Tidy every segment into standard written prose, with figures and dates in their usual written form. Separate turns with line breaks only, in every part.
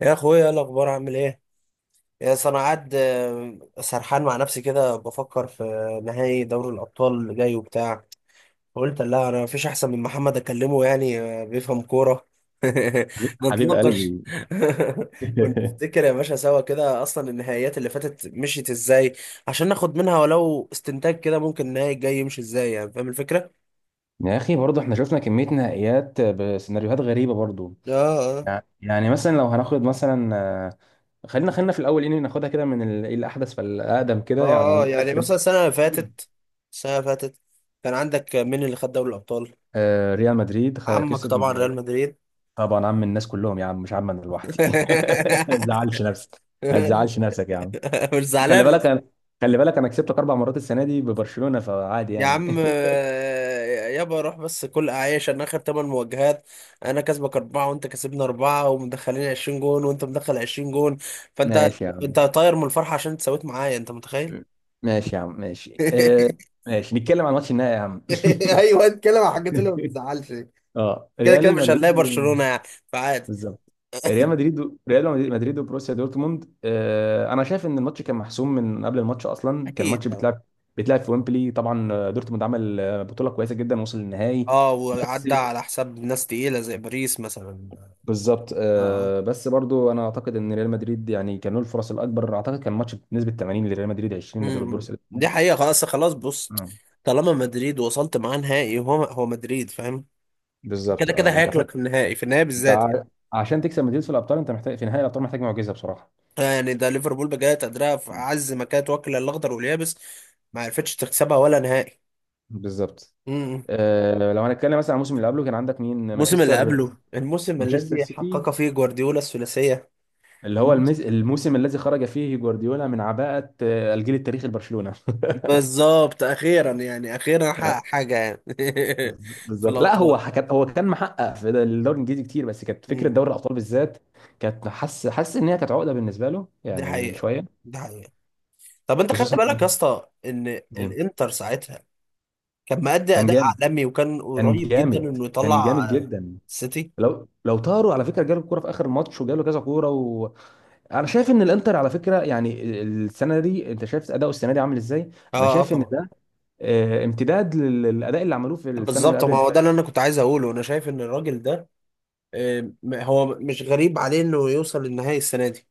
يا اخويا، ايه الاخبار؟ عامل ايه؟ يا أصل انا قاعد، سرحان مع نفسي كده بفكر في نهائي دوري الابطال اللي جاي وبتاع. قلت لا، انا مفيش احسن من محمد اكلمه يعني، بيفهم كوره.
حبيب حبيب
نتناقش.
قلبي.
ونفتكر يا باشا سوا كده، اصلا النهائيات اللي فاتت مشيت ازاي عشان ناخد منها ولو استنتاج كده، ممكن النهائي الجاي يمشي ازاي. يعني فاهم الفكره؟
يا اخي برضه احنا شفنا كميه نهائيات بسيناريوهات غريبه برضه.
اه، اه،
يعني مثلا لو هناخد مثلا، خلينا في الاول ان ناخدها كده من الاحدث فالاقدم كده
اه، اه.
يعني
يعني
اخر.
مثلا السنه اللي فاتت السنه اللي فاتت كان عندك مين اللي خد دوري الابطال؟
ريال مدريد
عمك
كسب
طبعا ريال مدريد.
طبعا عم الناس كلهم يا عم، مش عم انا لوحدي. ما تزعلش نفسك. ما تزعلش نفسك يا عم.
مش
خلي
زعلان
بالك
أصلاً.
انا، خلي بالك انا كسبتك اربع مرات السنه دي ببرشلونه فعادي
يا
يعني.
عم، يابا روح بس، كل اعيش انا اخر ثمان مواجهات، انا كسبك اربعه وانت كسبني اربعه، ومدخلين 20 جون وانت مدخل 20 جون، فانت،
ماشي يا
انت
عم،
طاير من الفرحه عشان انت سويت معايا؟ انت متخيل؟
ماشي يا عم، ماشي ماشي نتكلم عن ماتش النهائي يا عم.
ايوه اتكلم عن الحاجات اللي ما بتزعلش.
اه،
كده كده
ريال
مش هنلاقي
مدريد و...
برشلونه يعني، فعادي.
بالظبط. ريال مدريد و... ريال مدريد وبروسيا دورتموند. انا شايف ان الماتش كان محسوم من قبل الماتش، اصلا كان
اكيد،
الماتش
اه.
بيتلعب في ويمبلي طبعا. دورتموند عمل بطوله كويسه جدا وصل للنهائي بس.
وعدى على حساب ناس تقيله زي باريس مثلا.
بالظبط،
اه،
بس برضو انا اعتقد ان ريال مدريد يعني كان له الفرص الاكبر، اعتقد كان الماتش بنسبه 80 لريال مدريد 20 لدور بروسيا
دي
دورتموند.
حقيقة. خلاص خلاص، بص،
آه.
طالما مدريد وصلت معاه نهائي، هو هو مدريد، فاهم؟
بالظبط،
كده كده
اه. انت عشان
هياكلك في النهائي، في النهائي
انت
بالذات يعني.
ع- عشان تكسب مدريد في الابطال انت محتاج، في نهائي الابطال محتاج معجزه بصراحه.
يعني ده ليفربول بجد قدرها في
مم.
عز ما كانت واكلة الاخضر واليابس، ما عرفتش تكسبها ولا نهائي.
بالظبط.
امم.
لو هنتكلم مثلا عن الموسم اللي قبله كان عندك مين؟
الموسم اللي قبله، الموسم
مانشستر
الذي
سيتي.
حقق فيه جوارديولا الثلاثية.
اللي هو
الموسم-
الموسم الذي خرج فيه جوارديولا من عباءة الجيل التاريخي لبرشلونة.
بالظبط، اخيرا يعني اخيرا
آه،
حقق حاجة يعني. في
بالظبط. لا،
الابطال.
هو كان محقق في الدوري الانجليزي كتير، بس كانت فكره
امم.
دوري الابطال بالذات كانت حس ان هي كانت عقده بالنسبه له
دي
يعني
حقيقة
شويه.
دي حقيقة. طب انت خدت
خصوصا
بالك يا اسطى ان
جامد.
الانتر ساعتها كان مأدي
كان
أداء
جامد،
عالمي وكان
كان
قريب جدا
جامد،
إنه
كان جامد
يطلع
جدا.
السيتي.
لو طاروا على فكره، جاله الكوره في اخر الماتش وجاله كذا كوره. انا شايف ان الانتر، على فكره يعني، السنه دي، انت شايف اداؤه السنه دي عامل ازاي؟
اه،
انا
اه،
شايف ان
طبعا.
ده امتداد للاداء اللي عملوه في السنه اللي
بالظبط،
قبل
ما
اللي
هو ده
فاتت.
اللي أنا كنت عايز أقوله. أنا شايف إن الراجل ده، هو مش غريب عليه إنه يوصل للنهائي السنة دي.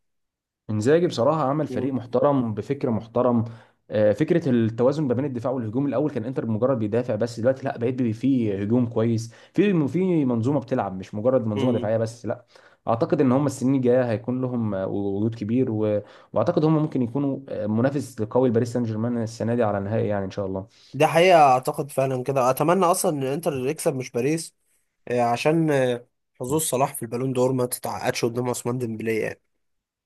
انزاجي بصراحه عمل فريق
مم.
محترم بفكر محترم. فكره التوازن ما بين الدفاع والهجوم، الاول كان انتر مجرد بيدافع بس، دلوقتي لا، بقيت في هجوم كويس، في في منظومه بتلعب مش مجرد منظومه
مم.
دفاعيه بس، لا. اعتقد ان هم السنين الجايه هيكون لهم وجود كبير و... واعتقد هم ممكن يكونوا منافس قوي لباريس سان جيرمان السنه دي على نهائي، يعني ان شاء الله.
ده حقيقة، أعتقد فعلا كده. أتمنى أصلا إن إنتر يكسب مش باريس، عشان حظوظ صلاح في البالون دور ما تتعقدش قدام عثمان ديمبلي يعني.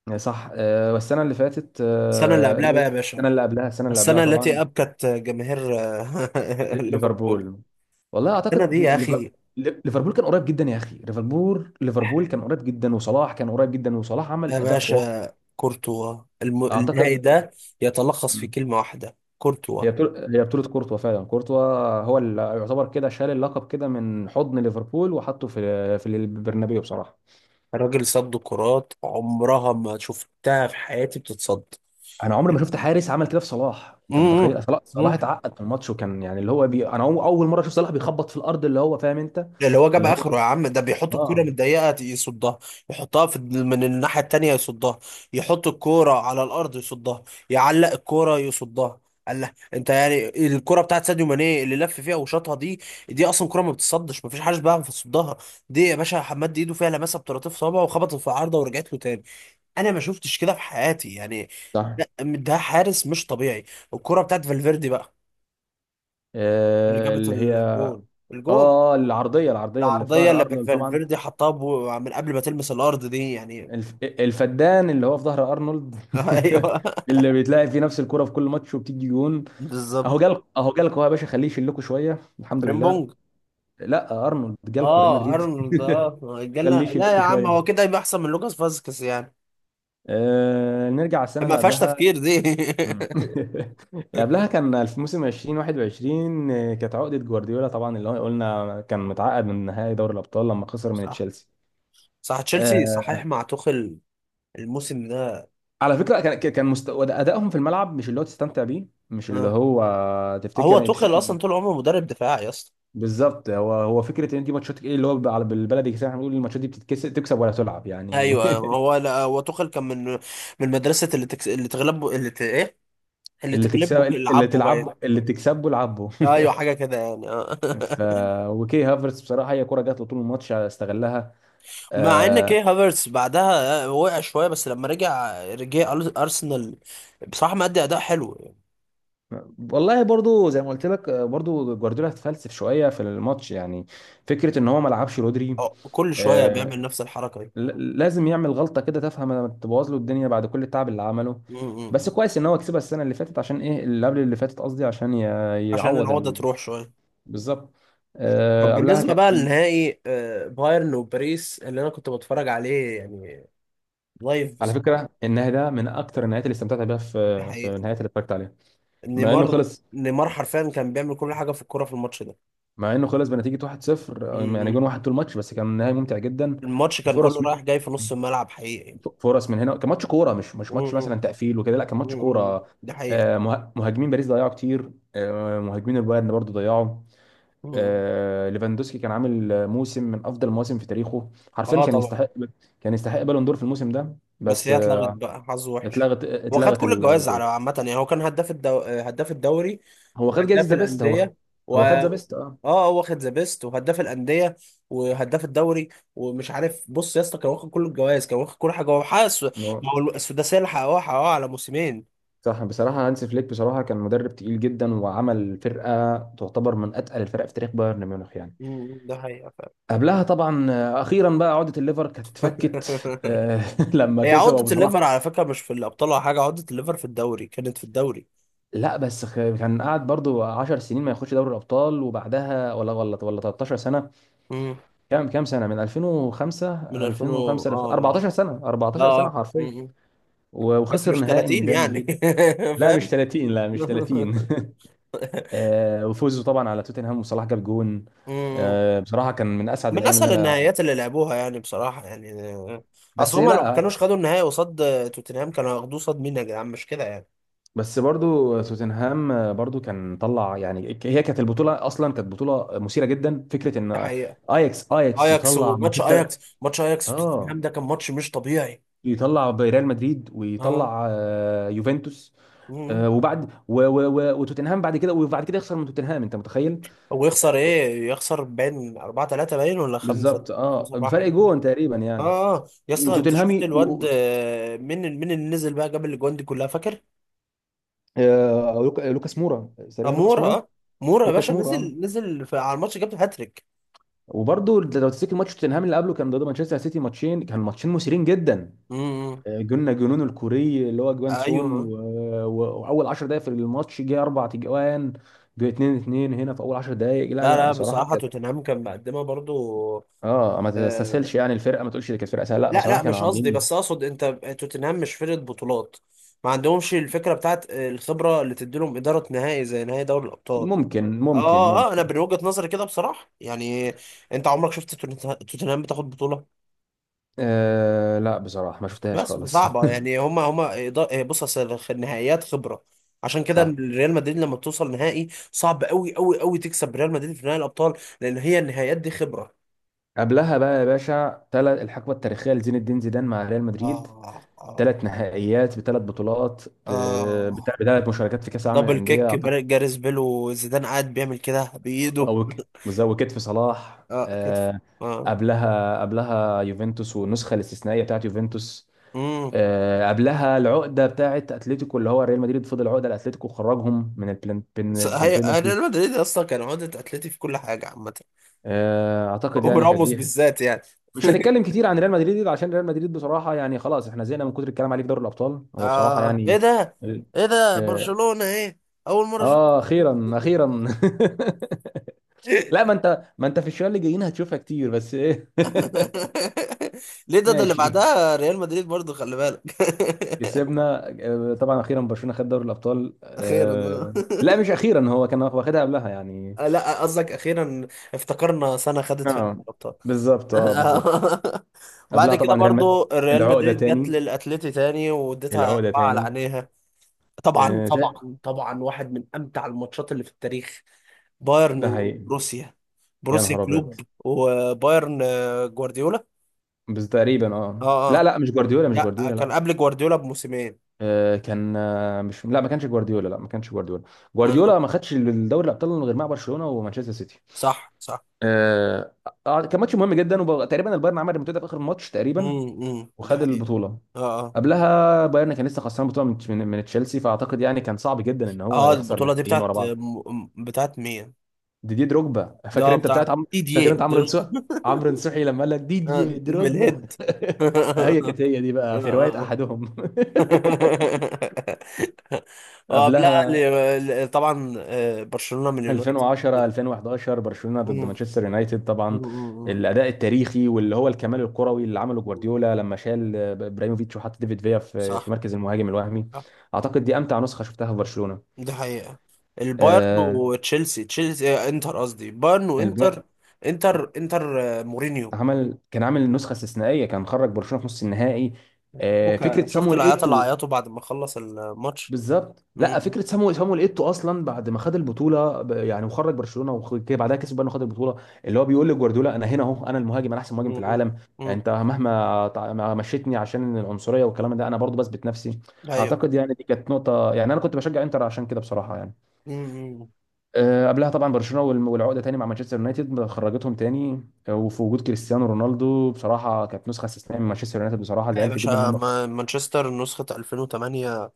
صح، والسنة اللي فاتت،
السنة اللي قبلها بقى يا باشا،
السنة اللي قبلها، السنة اللي قبلها
السنة التي
طبعا.
أبكت جماهير، ليفربول.
ليفربول. والله
السنة دي
أعتقد
يا أخي.
ليفربول كان قريب جدا يا أخي. ليفربول كان قريب جدا، وصلاح كان قريب جدا، وصلاح عمل
يا
أداء خرافي
باشا، كورتوا النهائي
أعتقد.
ده يتلخص في
مم.
كلمة واحدة، كورتوا.
هي بطولة، هي بطولة كورتوا فعلا. كورتوا هو اللي يعتبر كده شال اللقب كده من حضن ليفربول وحطه في في البرنابيو بصراحة.
الراجل صد كرات عمرها ما شفتها في حياتي بتتصد.
انا عمري ما شفت حارس عمل كده في صلاح، انت
مم.
متخيل؟ صلاح،
مم.
اتعقد من الماتش، وكان يعني اللي هو انا، اول مره اشوف صلاح بيخبط في الارض، اللي هو فاهم انت،
اللي هو جاب
اللي هو،
اخره يا عم. ده بيحط الكوره من
اه،
الضيقه يصدها، يحطها في من الناحيه التانيه يصدها، يحط الكوره على الارض يصدها، يعلق الكوره يصدها. قال لا انت يعني، الكوره بتاعت ساديو ماني اللي لف فيها وشاطها دي، دي اصلا كوره ما بتصدش، ما فيش حاجه بيعرف يصدها. دي يا باشا حماد ايده فيها لمسه بطراطيف صوابعه، وخبطت في العارضه ورجعت له تاني. انا ما شفتش كده في حياتي يعني.
صح.
ده حارس مش طبيعي. الكوره بتاعت فالفيردي بقى اللي جابت
اللي هي،
الجون. الجون،
اه، العرضيه، العرضيه اللي في
العرضية
ظهر
اللي
ارنولد طبعا.
فالفيردي حطها من قبل ما تلمس الأرض دي يعني.
الفدان اللي هو في ظهر ارنولد.
أيوه.
اللي بيتلاعب فيه نفس الكره في كل ماتش وبتيجي جون.
بالظبط.
اهو جالكوا، اهو جالكوا يا باشا، خليه يشيلكوا شويه، الحمد لله.
فريمبونج.
لا، ارنولد جالكوا ريال
اه
مدريد.
ارنولد، اه،
خليه
جالنا. لا يا
يشيلكوا
عم، هو
شويه.
كده يبقى احسن من لوكاس فاسكيز يعني.
نرجع السنه
ما
اللي
فيهاش
قبلها.
تفكير دي.
مم. قبلها كان في موسم 2021، كانت عقدة جوارديولا طبعا، اللي هو قلنا كان متعقد من نهائي دوري الأبطال لما خسر من
صح،
تشيلسي.
صح، تشيلسي
آه،
صحيح مع توخل. الموسم ده.
على فكرة كان كان مستوى أدائهم في الملعب مش اللي هو تستمتع بيه، مش اللي
آه.
هو تفتكر
هو
يعني تشوف.
توخل اصلا طول عمره مدرب دفاعي يا اسطى.
بالظبط. هو فكرة ان دي ماتشات ايه اللي هو بالبلدي كده احنا بنقول، الماتشات دي بتتكسب تكسب ولا تلعب يعني.
ايوه، هو، لا، هو توخل كان من، مدرسه، اللي اللي تغلبه، اللي ايه، اللي
اللي
تغلبه
تكسب، اللي
يلعبه باين.
تلعب اللي تكسبه العبه.
ايوه حاجه كده يعني. آه.
ف وكي هافرتس بصراحه هي كره جات له طول الماتش استغلها.
مع ان
آه،
كي هافرتس بعدها وقع شويه، بس لما رجع ارسنال، بصراحه مادي اداء حلو يعني.
والله برضو زي ما قلت لك، برضو جوارديولا اتفلسف شويه في الماتش يعني، فكره ان هو ما لعبش رودري.
كل شويه
آه،
بيعمل نفس الحركه دي.
لازم يعمل غلطه كده تفهم، لما تبوظ له الدنيا بعد كل التعب اللي عمله.
م-م.
بس كويس ان هو كسبها السنه اللي فاتت، عشان ايه؟ اللي قبل اللي فاتت قصدي، عشان
عشان
يعوض
العقده
ال...
تروح شويه.
بالظبط.
طب
قبلها
بالنسبه
كان
بقى
مين؟
للنهائي، بايرن وباريس اللي انا كنت بتفرج عليه يعني لايف
على فكره
بصراحه.
النهائي ده من اكتر النهايات اللي استمتعت بيها
دي
في في
حقيقه.
النهايات اللي اتفرجت عليها. مع انه
نيمار.
خلص،
نيمار حرفيا كان بيعمل كل حاجه في الكوره في الماتش ده.
مع انه خلص بنتيجه 1-0، يعني جون
م-م.
واحد طول الماتش، بس كان نهائي ممتع جدا.
الماتش كان كله
الفرص،
رايح جاي في نص الملعب حقيقي.
فرص من هنا، كان ماتش كوره، مش مش ماتش
م-م.
مثلا تقفيل وكده، لا، كان ماتش
م-م.
كوره.
دي حقيقه.
مهاجمين باريس ضيعوا كتير، مهاجمين البايرن برضو ضيعوا.
م-م.
ليفاندوسكي كان عامل موسم من افضل المواسم في تاريخه، حرفيا
اه
كان
طبعا.
يستحق، كان يستحق بالون دور في الموسم ده،
بس
بس
هي اتلغت بقى، حظه وحش.
اتلغت،
هو خد كل الجوائز على
الجائزه.
عامة يعني. هو كان هداف هداف الدوري،
هو خد جائزه
وهداف
ذا بيست.
الأندية، و...
هو خد ذا بيست، اه.
اه، هو واخد ذا بيست وهداف الأندية وهداف الدوري. ومش عارف، بص يا اسطى، كان واخد كل الجوائز، كان واخد كل حاجة، هو حقق
هو-
ما هو السداسية اللي حققوها على موسمين.
صح. بصراحه هانس فليك بصراحه كان مدرب تقيل جدا، وعمل فرقه تعتبر من اتقل الفرق في تاريخ بايرن ميونخ يعني.
أمم، ده حقيقة فعلا.
قبلها طبعا، اخيرا بقى عقده الليفر كانت اتفكت. لما
هي
كسب
عقدة
ابو صلاح.
الليفر على فكرة مش في الأبطال ولا حاجة، عقدة الليفر في الدوري كانت في الدوري.
لا بس كان قعد برضو 10 سنين ما ياخدش دوري الابطال وبعدها، ولا 13 سنه.
أمم،
كام، سنه من 2005؟
من 2000 و...
2005
اه من
14 سنه،
اه
14 سنه
آه.
حرفيا.
أمم، بس
وخسر
مش
نهائي من
30
ريال
يعني.
مدريد. لا
فاهم.
مش 30، لا مش 30. وفوزوا طبعا على توتنهام، وصلاح جاب جون.
مم.
بصراحه كان من اسعد
من
الايام اللي
اسهل
انا.
النهائيات اللي لعبوها يعني بصراحه يعني، اصل
بس
هما لو
لا،
كانوش خدوا النهائي قصاد، توتنهام كانوا هياخدوه قصاد مين يا جدعان؟ مش كده يعني؟
بس برضو توتنهام برضو كان طلع يعني. هي كانت البطوله اصلا كانت بطوله مثيره جدا. فكره
ده
ان
حقيقه.
اياكس،
اياكس،
يطلع
وماتش
مانشستر،
اياكس، ماتش اياكس وتوتنهام
اه،
ده كان ماتش مش طبيعي.
يطلع ريال مدريد،
اه.
ويطلع يوفنتوس.
مم.
آه، وبعد و- و- و- وتوتنهام بعد كده، وبعد كده يخسر من توتنهام، انت متخيل؟
هو يخسر
آه،
ايه؟ يخسر باين 4 3، باين ولا 5،
بالظبط، اه،
5 4 حاجه
بفرق
كده.
جون تقريبا يعني.
اه. آه. يا اسطى، انت شفت
وتوتنهامي و...
الواد،
و...
مين اللي نزل بقى جاب الاجوان دي كلها، فاكر؟
لوكاس مورا
اه،
تقريبا، لوكاس
مورا،
مورا،
اه. مورا يا
لوكاس
باشا،
مورا
نزل في على الماتش جاب هاتريك.
وبرضه لو تفتكر ماتش توتنهام اللي قبله كان ضد مانشستر سيتي، ماتشين، ماتشين مثيرين جدا.
امم.
جولنا جنون الكوري اللي هو جوان سون
ايوه،
واول 10 دقائق في الماتش جه اربع تجوان. جه 2-2 هنا في اول 10 دقائق. لا
لا
لا
لا،
بصراحه
بصراحه
كانت،
توتنهام كان مقدمه برضو.
اه ما
آه
تستسهلش يعني الفرقه، ما تقولش دي كانت فرقه سهله، لا،
لا
بصراحه
لا،
كانوا
مش قصدي،
عاملين.
بس اقصد انت توتنهام مش فرقه بطولات، ما عندهمش الفكره بتاعت الخبره اللي تديلهم اداره نهائي زي نهائي دوري الابطال.
ممكن، ممكن،
اه، اه، انا
ممكن.
من وجهه نظري كده بصراحه يعني. انت عمرك شفت توتنهام بتاخد بطوله؟
لا بصراحه ما شفتهاش
بس
خالص.
صعبة يعني، هما بص أصل النهائيات خبرة، عشان كده
صح.
ريال مدريد لما بتوصل نهائي، صعب قوي قوي قوي تكسب ريال مدريد في نهائي الأبطال، لأن هي النهائيات دي خبرة.
قبلها بقى يا باشا الحقبه التاريخيه لزين الدين زيدان مع ريال مدريد،
آه، آه،
ثلاث نهائيات بثلاث بطولات، ب-
آه،
بتاع بثلاث مشاركات في كاس العالم
دبل كيك،
للانديه أعتقد.
جاريس بيل، وزيدان قاعد بيعمل كده بإيده.
او وزوجت في صلاح.
آه، كتف. آه.
قبلها، يوفنتوس والنسخه الاستثنائيه بتاعت يوفنتوس.
امم.
قبلها العقده بتاعت اتلتيكو، اللي هو ريال مدريد فضل عقده لاتلتيكو، وخرجهم من
بس هي
بالبينالتي.
ريال مدريد أصلا كان عقدة أتلتي في كل حاجة عامة.
اعتقد يعني كانت
وراموس
دي.
بالذات يعني.
مش هنتكلم كتير عن ريال مدريد عشان ريال مدريد بصراحه يعني خلاص احنا زهقنا من كتر الكلام عليه في دوري الابطال، هو بصراحه يعني.
إيه ده! إيه ده،
اه.
برشلونة، إيه! أول مرة أشوف.
اخيرا، اخيرا. لا، ما انت، ما انت في الشوية اللي جايين هتشوفها كتير، بس ايه.
ليه، ده اللي
ماشي،
بعدها ريال مدريد برضو، خلي بالك.
كسبنا. طبعا اخيرا برشلونة خد دوري الابطال.
اخيرا ده.
لا، مش اخيرا، هو كان واخدها قبلها يعني.
لا، قصدك اخيرا، افتكرنا سنه خدت فيها
اه،
الابطال.
بالظبط، اه، بالظبط.
بعد
قبلها
كده
طبعا ريال مدريد،
برضو ريال
العقدة
مدريد جت
تاني،
للاتليتي تاني واديتها
العقدة
اربعه على
تاني.
عينيها. طبعا،
آه، تا-
طبعا، طبعا، واحد من امتع الماتشات اللي في التاريخ. بايرن
ده حقيقي.
وبروسيا.
يا
بروسيا
نهار ابيض.
كلوب وبايرن، جوارديولا.
بس تقريبا، اه،
اه،
لا،
اه،
لا، مش جوارديولا، مش
لا،
جوارديولا،
كان
لا.
قبل جوارديولا بموسمين.
آه، كان آه، مش، لا، ما كانش جوارديولا، لا ما كانش جوارديولا.
اه.
جوارديولا ما خدش الدوري الابطال غير مع برشلونة ومانشستر سيتي.
صح، صح.
آه آه، كان ماتش مهم جدا، وتقريبا البايرن عمل ريمونتادا في اخر الماتش تقريبا،
دي
وخد
حقيقة.
البطوله.
اه، اه،
قبلها بايرن كان لسه خسران بطوله من تشيلسي، فاعتقد يعني كان صعب جدا ان هو
اه،
يخسر
البطولة دي
نهائيين ورا
بتاعت
بعض.
بتاعت مين؟
ديدي دروجبا
ده،
فاكر انت؟
بتاع
بتاعت
تي دي اي
فاكر انت
دي
عمرو نصوحي؟ عمرو نصوحي لما قال لك ديدي دروجبا.
بالهيد.
هي
اه،
كانت هي دي بقى في روايه
اه،
احدهم.
اه. قبلها،
قبلها
طبعا برشلونة من اليونايتد.
2010 2011، برشلونه ضد
مم،
مانشستر يونايتد
مم،
طبعا.
مم.
الاداء التاريخي، واللي هو الكمال الكروي اللي عمله
مم.
جوارديولا لما شال ابراهيموفيتش وحط ديفيد فيا في في
صح،
مركز المهاجم الوهمي.
صح،
اعتقد دي امتع نسخه شفتها في برشلونه.
دي حقيقة. البايرن
آه،
وتشيلسي، تشيلسي آه، انتر قصدي، بايرن
الب...
وانتر. انتر، مورينيو.
عمل، كان عامل نسخه استثنائيه، كان خرج برشلونه في نص النهائي.
بكا،
فكره
شفت
صامويل
العياط اللي
ايتو.
عيطوا بعد ما خلص الماتش.
بالظبط. لا،
مم.
فكره سامو، ايتو اصلا بعد ما خد البطوله يعني وخرج برشلونه وكده بعدها كسب، بقى انه خد البطوله، اللي هو بيقول لجوارديولا انا هنا اهو، انا المهاجم، انا احسن مهاجم في
مم.
العالم.
مم.
انت مهما ما مشيتني عشان العنصريه والكلام ده، انا برضو بثبت نفسي.
ايوه.
اعتقد يعني دي كانت نقطه يعني، انا كنت بشجع انتر عشان كده بصراحه يعني.
مم.
قبلها طبعا برشلونه والعقده تاني مع مانشستر يونايتد، خرجتهم تاني. وفي وجود كريستيانو رونالدو بصراحه كانت نسخه استثنائيه من مانشستر يونايتد، بصراحه
يا
زعلت جدا ان
باشا،
هم خسروا.
مانشستر نسخة 2008.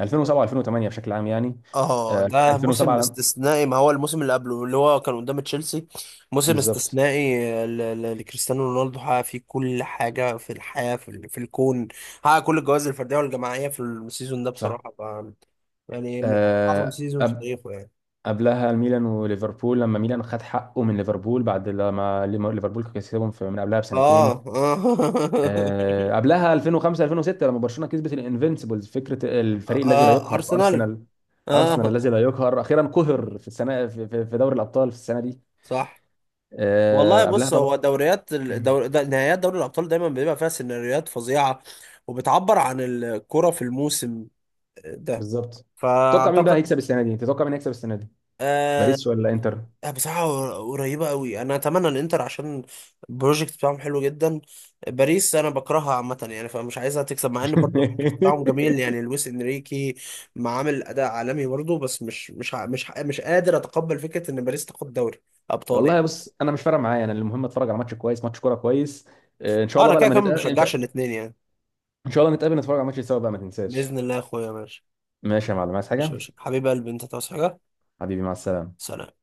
2007 2008 بشكل عام يعني.
اه، ده موسم
2007
استثنائي، ما هو الموسم اللي قبله اللي هو كان قدام تشيلسي، موسم
بالظبط.
استثنائي لكريستيانو رونالدو، حقق فيه كل حاجة في الحياة، في الكون، حقق كل الجوائز الفردية والجماعية في السيزون ده
صح.
بصراحة، يعني من أعظم
آه،
سيزون في
قب-
تاريخه يعني.
قبلها الميلان وليفربول، لما ميلان خد حقه من ليفربول بعد لما ليفربول كسبهم في من قبلها
اه،
بسنتين.
اه.
قبلها 2005 2006 لما برشلونة كسبت الانفينسيبلز، فكرة الفريق الذي لا يقهر في
ارسنال.
ارسنال. ارسنال
اه،
الذي لا يقهر اخيرا قهر في السنة، في دوري الابطال في السنة دي.
صح. والله
قبلها
بص، هو
طبعا.
دوريات ده نهائيات دوري الابطال دايما بيبقى فيها سيناريوهات فظيعه، وبتعبر عن الكره في الموسم ده،
بالظبط. تتوقع مين بقى
فاعتقد.
هيكسب السنة دي؟ تتوقع مين هيكسب السنة دي؟
آه.
باريس ولا انتر؟
بصراحه قريبه قوي، انا اتمنى الانتر عشان البروجكت بتاعهم حلو جدا. باريس انا بكرهها عامه يعني، فمش عايزها تكسب، مع ان برضو البروجكت بتاعهم جميل يعني، لويس انريكي ما عامل اداء عالمي برضو، بس مش قادر اتقبل فكره ان باريس تاخد دوري ابطال
والله
يعني.
بص، انا مش فارق معايا، انا المهم اتفرج على ماتش كويس، ماتش كوره كويس. ان شاء
اه،
الله
انا
بقى
كده
لما
كده ما
نتقابل، ان
بشجعش
شاء
الاثنين يعني.
إن شاء الله نتقابل نتفرج على ماتش سوا بقى، ما تنساش.
باذن الله يا اخويا، ماشي.
ماشي يا معلم، عايز
ماشي، ماشي،
حاجه؟
حبيب قلبي، انت تعوز حاجه؟
حبيبي مع السلامه.
سلام.